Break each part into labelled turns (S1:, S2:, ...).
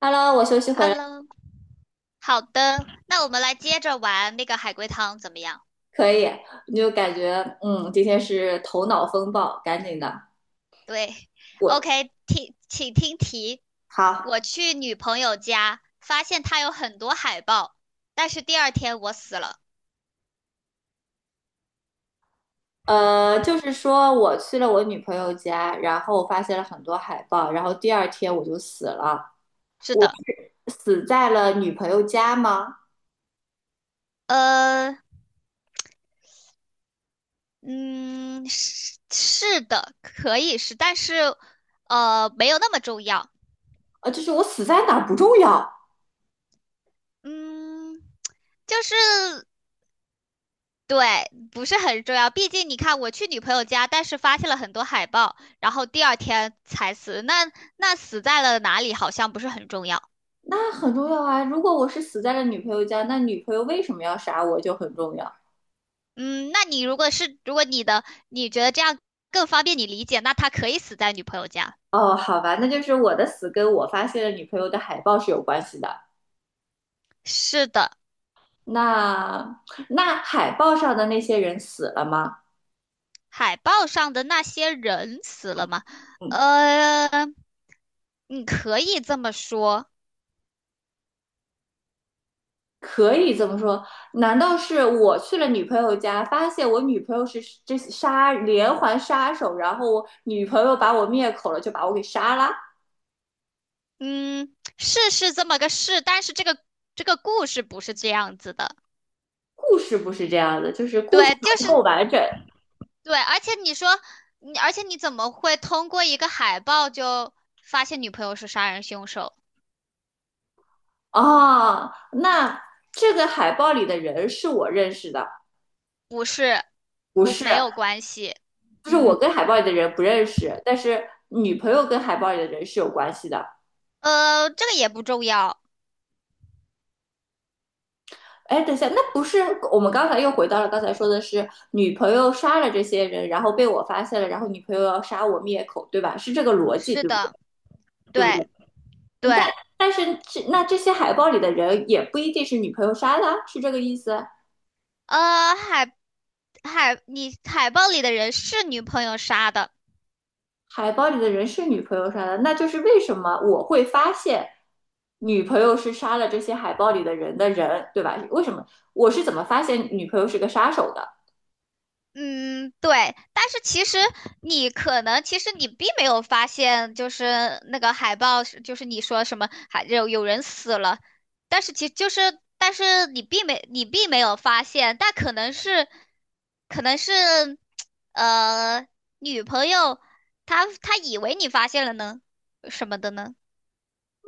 S1: Hello，我休息回来。
S2: Hello，好的，那我们来接着玩那个海龟汤怎么样？
S1: 可以，你就感觉。今天是头脑风暴，赶紧的。
S2: 对
S1: 我
S2: ，OK，听，请听题。
S1: 好。
S2: 我去女朋友家，发现她有很多海报，但是第二天我死了。
S1: 就是说我去了我女朋友家，然后我发现了很多海报，然后第二天我就死了。
S2: 是
S1: 我
S2: 的，
S1: 死在了女朋友家吗？
S2: 呃，嗯，是的，可以是，但是没有那么重要。
S1: 就是我死在哪儿不重要。
S2: 嗯，就是对，不是很重要。毕竟你看，我去女朋友家，但是发现了很多海报，然后第二天才死。那死在了哪里，好像不是很重要。
S1: 那很重要啊。如果我是死在了女朋友家，那女朋友为什么要杀我就很重要。
S2: 嗯，那你如果你的你觉得这样更方便你理解，那他可以死在女朋友家。
S1: 哦，好吧，那就是我的死跟我发现了女朋友的海报是有关系的。
S2: 是的，
S1: 那那海报上的那些人死了吗？
S2: 海报上的那些人死了吗？
S1: 嗯，
S2: 呃，你可以这么说。
S1: 可以这么说。难道是我去了女朋友家，发现我女朋友是这杀连环杀手，然后我女朋友把我灭口了，就把我给杀了？
S2: 嗯，是这么个事，但是这个故事不是这样子的。
S1: 故事不是这样的，就是故事
S2: 对，就
S1: 不够
S2: 是
S1: 完整
S2: 对，而且你说你，而且你怎么会通过一个海报就发现女朋友是杀人凶手？
S1: 啊。那这个海报里的人是我认识的。
S2: 不是，
S1: 不
S2: 不，
S1: 是，
S2: 没有关系。
S1: 就是我
S2: 嗯，
S1: 跟海报里的人不认识，但是女朋友跟海报里的人是有关系的。
S2: 这个也不重要。
S1: 哎，等一下，那不是我们刚才又回到了刚才说的是女朋友杀了这些人，然后被我发现了，然后女朋友要杀我灭口，对吧？是这个逻辑，
S2: 是
S1: 对不对？
S2: 的，
S1: 对不
S2: 对
S1: 对？但
S2: 对，
S1: 但是这那这些海报里的人也不一定是女朋友杀的啊是这个意思？
S2: 呃，海海，你海报里的人是女朋友杀的。
S1: 海报里的人是女朋友杀的，那就是为什么我会发现女朋友是杀了这些海报里的人的人，对吧？为什么我是怎么发现女朋友是个杀手的？
S2: 嗯，对，但是其实你可能，其实你并没有发现，就是那个海报是就是你说什么还有人死了，但是其就是，但是你并没有发现，但，可能是，呃，女朋友她以为你发现了呢，什么的呢？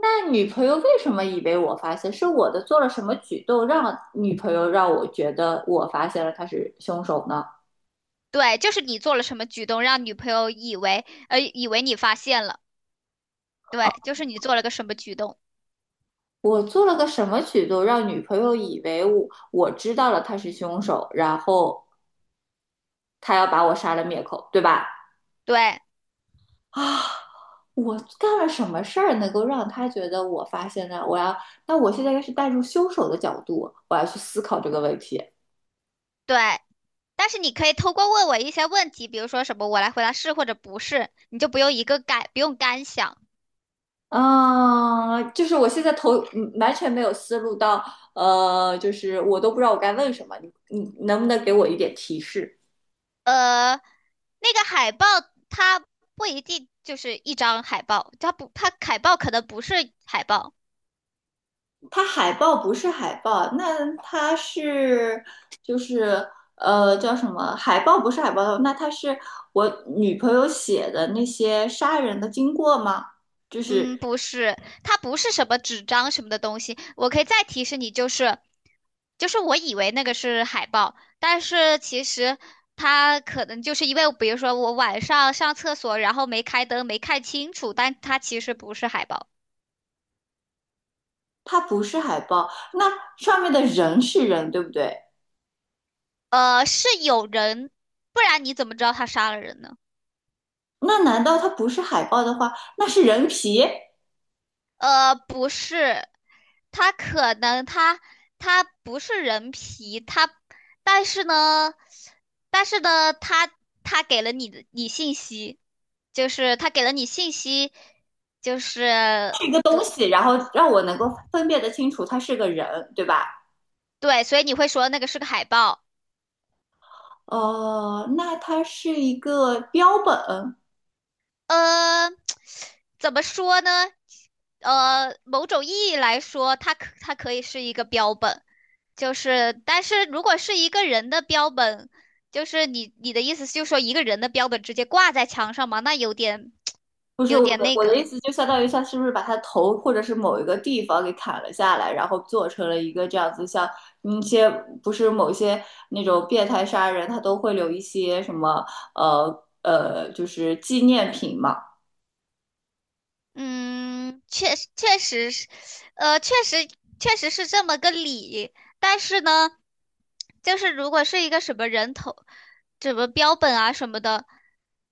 S1: 那女朋友为什么以为我发现？是我的做了什么举动让女朋友让我觉得我发现了他是凶手呢？
S2: 对，就是你做了什么举动，让女朋友以为，以为你发现了，对，就是你做了个什么举动，
S1: 我做了个什么举动让女朋友以为我知道了他是凶手，然后他要把我杀了灭口，对吧？
S2: 对
S1: 啊，我干了什么事儿能够让他觉得我发现呢？我要，那我现在应该是带入凶手的角度，我要去思考这个问题。
S2: 对。但是你可以通过问我一些问题，比如说什么我来回答是或者不是，你就不用一个干，不用干想。
S1: 嗯，就是我现在头完全没有思路到，就是我都不知道我该问什么，你能不能给我一点提示？
S2: 呃，那个海报它不一定就是一张海报，它不，它海报可能不是海报，
S1: 它海报不是海报，那它是就是叫什么？海报不是海豹，那它是我女朋友写的那些杀人的经过吗？就
S2: 嗯，
S1: 是
S2: 不是，它不是什么纸张什么的东西。我可以再提示你，就是我以为那个是海报，但是其实。它可能就是因为，比如说我晚上上厕所，然后没开灯，没看清楚，但它其实不是海报。
S1: 它不是海报，那上面的人是人，对不对？
S2: 是有人，不然你怎么知道他杀了人呢？
S1: 那难道它不是海报的话，那是人皮？
S2: 不是，他可能他他不是人皮，他，但是呢，但是呢，他给了你的你信息，就是他给了你信息，就是
S1: 一个东西，然后让我能够分辨得清楚他是个人，对吧？
S2: 对，所以你会说那个是个海报。
S1: 哦、那他是一个标本。
S2: 呃，怎么说呢？某种意义来说，它可以是一个标本，就是，但是如果是一个人的标本，就是你的意思就是说一个人的标本直接挂在墙上嘛，那有点
S1: 不 是，
S2: 有
S1: 我
S2: 点
S1: 的
S2: 那
S1: 我的
S2: 个。
S1: 意思，就相当于他是不是把他头或者是某一个地方给砍了下来，然后做成了一个这样子像，一些不是某些那种变态杀人，他都会留一些什么就是纪念品嘛。
S2: 嗯，确实是，呃，确实确实是这么个理。但是呢，就是如果是一个什么人头，什么标本啊什么的，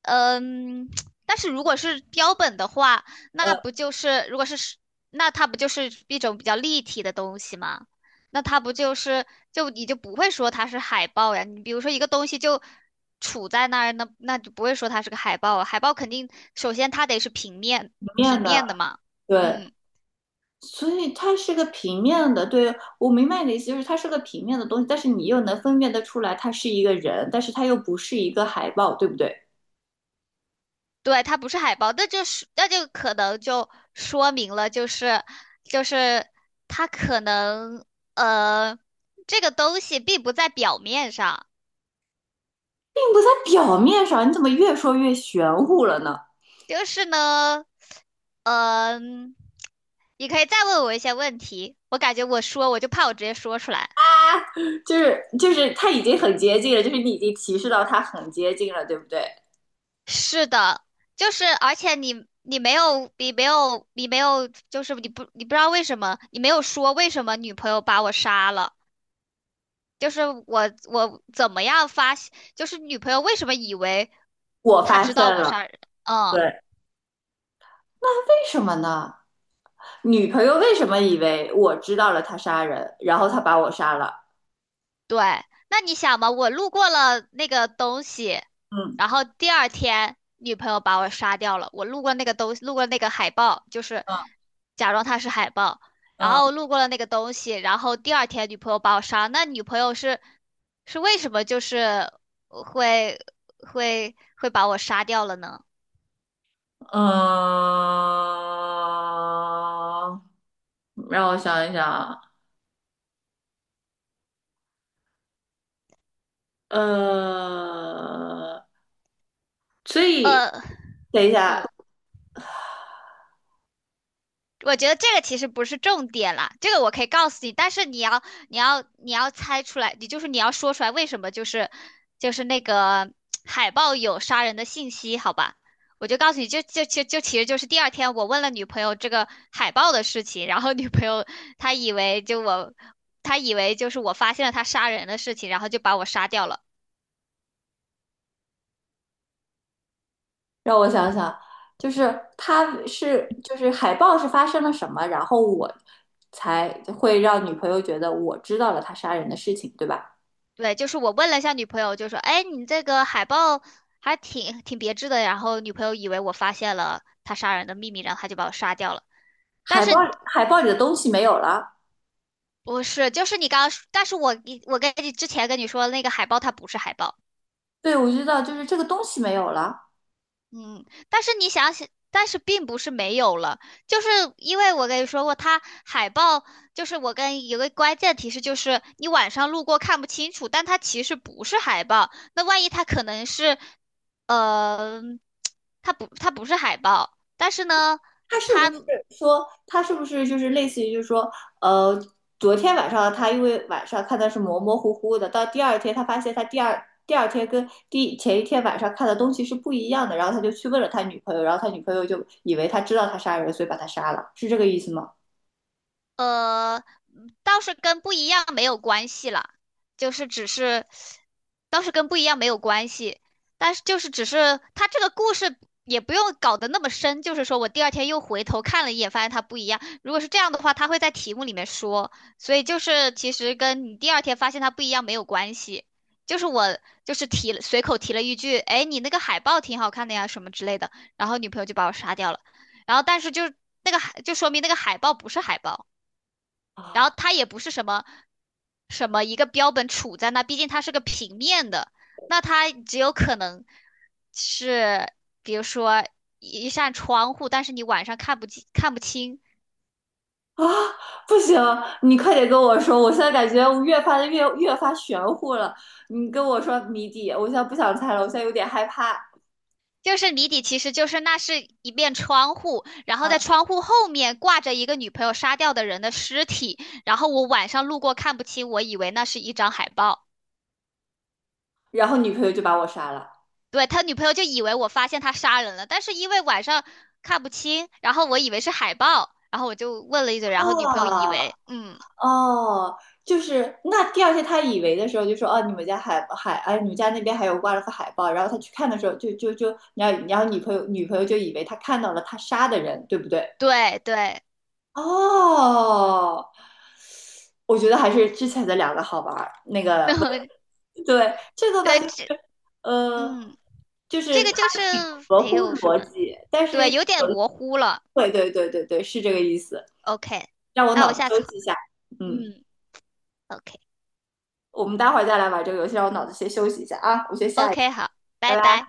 S2: 呃嗯，但是如果是标本的话，那不就是如果是是那它不就是一种比较立体的东西吗？那它不就是就你就不会说它是海报呀？你比如说一个东西就杵在那儿，那就不会说它是个海报啊。海报肯定首先它得是
S1: 里面
S2: 平
S1: 的
S2: 面的嘛，
S1: 对。
S2: 嗯，
S1: 所以它是个平面的，对，我明白你的意思，就是它是个平面的东西，但是你又能分辨得出来，它是一个人，但是它又不是一个海报，对不对？
S2: 对，它不是海报，那就是那就可能就说明了，就是它可能呃这个东西并不在表面上，
S1: 并不在表面上，你怎么越说越玄乎了呢？
S2: 就是呢，嗯、你可以再问我一些问题，我感觉我就怕我直接说出来。
S1: 就是它已经很接近了，就是你已经提示到它很接近了，对不对？
S2: 是的，就是而且你没有，就是你不知道为什么你没有说为什么女朋友把我杀了，就是我怎么样发现，就是女朋友为什么以为
S1: 我
S2: 她
S1: 发
S2: 知
S1: 现
S2: 道我
S1: 了，
S2: 杀人，
S1: 对，
S2: 嗯。
S1: 为什么呢？女朋友为什么以为我知道了他杀人，然后他把我杀了？
S2: 对，那你想嘛，我路过了那个东西，然
S1: 嗯
S2: 后第二天女朋友把我杀掉了。我路过那个东，路过那个海报，就是
S1: 嗯
S2: 假装它是海报，然
S1: 嗯
S2: 后路过了那个东西，然后第二天女朋友把我杀。那女朋友是为什么就是会会把我杀掉了呢？
S1: 嗯。让我想一想啊。呃，所以
S2: 呃。
S1: 等一下，
S2: 呃我觉得这个其实不是重点啦，这个我可以告诉你，但是你要你要猜出来，你就是你要说出来为什么就是那个海报有杀人的信息，好吧？我就告诉你，就就就就其实就是第二天我问了女朋友这个海报的事情，然后女朋友她以为就我，她以为就是我发现了她杀人的事情，然后就把我杀掉了。
S1: 让我想想，就是他是就是海报是发生了什么，然后我才会让女朋友觉得我知道了他杀人的事情，对吧？
S2: 对，就是我问了一下女朋友，就说："哎，你这个海报还挺别致的。"然后女朋友以为我发现了他杀人的秘密，然后他就把我杀掉了。但
S1: 海报
S2: 是
S1: 海报里的东西没有了，
S2: 不是，就是你刚刚说但是我跟你之前跟你说的那个海报，它不是海报，
S1: 对，我知道，就是这个东西没有了。
S2: 嗯，但是你想想，但是并不是没有了，就是因为我跟你说过，它海报就是我跟有个关键提示，就是你晚上路过看不清楚，但它其实不是海报，那万一它可能是它不是海报，但是呢，
S1: 他是不是说他是不是就是类似于就是说，呃，昨天晚上他因为晚上看的是模模糊糊的，到第二天他发现他第二天跟第前一天晚上看的东西是不一样的，然后他就去问了他女朋友，然后他女朋友就以为他知道他杀人，所以把他杀了，是这个意思吗？
S2: 呃，倒是跟不一样没有关系啦，就是只是，倒是跟不一样没有关系，但是就是只是他这个故事也不用搞得那么深，就是说我第二天又回头看了一眼，发现它不一样。如果是这样的话，他会在题目里面说，所以就是其实跟你第二天发现它不一样没有关系，就是我就是随口提了一句，哎，你那个海报挺好看的呀，什么之类的，然后女朋友就把我杀掉了，然后但是就那个海就说明那个海报不是海报。然后
S1: 啊，
S2: 它也不是什么一个标本杵在那，毕竟它是个平面的，那它只有可能是，比如说一扇窗户，但是你晚上看不清，
S1: 啊，不行，你快点跟我说，我现在感觉我越发的越发玄乎了。你跟我说谜底，我现在不想猜了，我现在有点害怕。
S2: 就是谜底其实就是那是一面窗户，然后在
S1: 嗯，
S2: 窗户后面挂着一个女朋友杀掉的人的尸体，然后我晚上路过看不清，我以为那是一张海报。
S1: 然后女朋友就把我杀了。
S2: 对，他女朋友就以为我发现他杀人了，但是因为晚上看不清，然后我以为是海报，然后我就问了一嘴，然后女朋友以
S1: 啊，
S2: 为，嗯，
S1: 哦，就是那第二天他以为的时候就说哦，你们家哎，你们家那边还有挂了个海报，然后他去看的时候就就就，然后女朋友就以为他看到了他杀的人，对不对？
S2: 对对，
S1: 哦，我觉得还是之前的两个好玩儿。那 个
S2: 然后
S1: 问，对，这个吧
S2: 对
S1: 就是
S2: 这，
S1: 呃，
S2: 嗯，
S1: 就
S2: 这
S1: 是
S2: 个
S1: 它
S2: 就是
S1: 挺合
S2: 没
S1: 乎
S2: 有什
S1: 逻
S2: 么，
S1: 辑，但是有
S2: 对，
S1: 一
S2: 有点模糊了。
S1: 对对对对对，是这个意思。
S2: OK，
S1: 让我
S2: 那
S1: 脑
S2: 我
S1: 子
S2: 下次
S1: 休
S2: 好
S1: 息一下，嗯。
S2: 嗯，OK
S1: 我们待会儿再来玩这个游戏，让我脑子先休息一下啊，我先下一下，
S2: OK，好，拜
S1: 拜拜。
S2: 拜。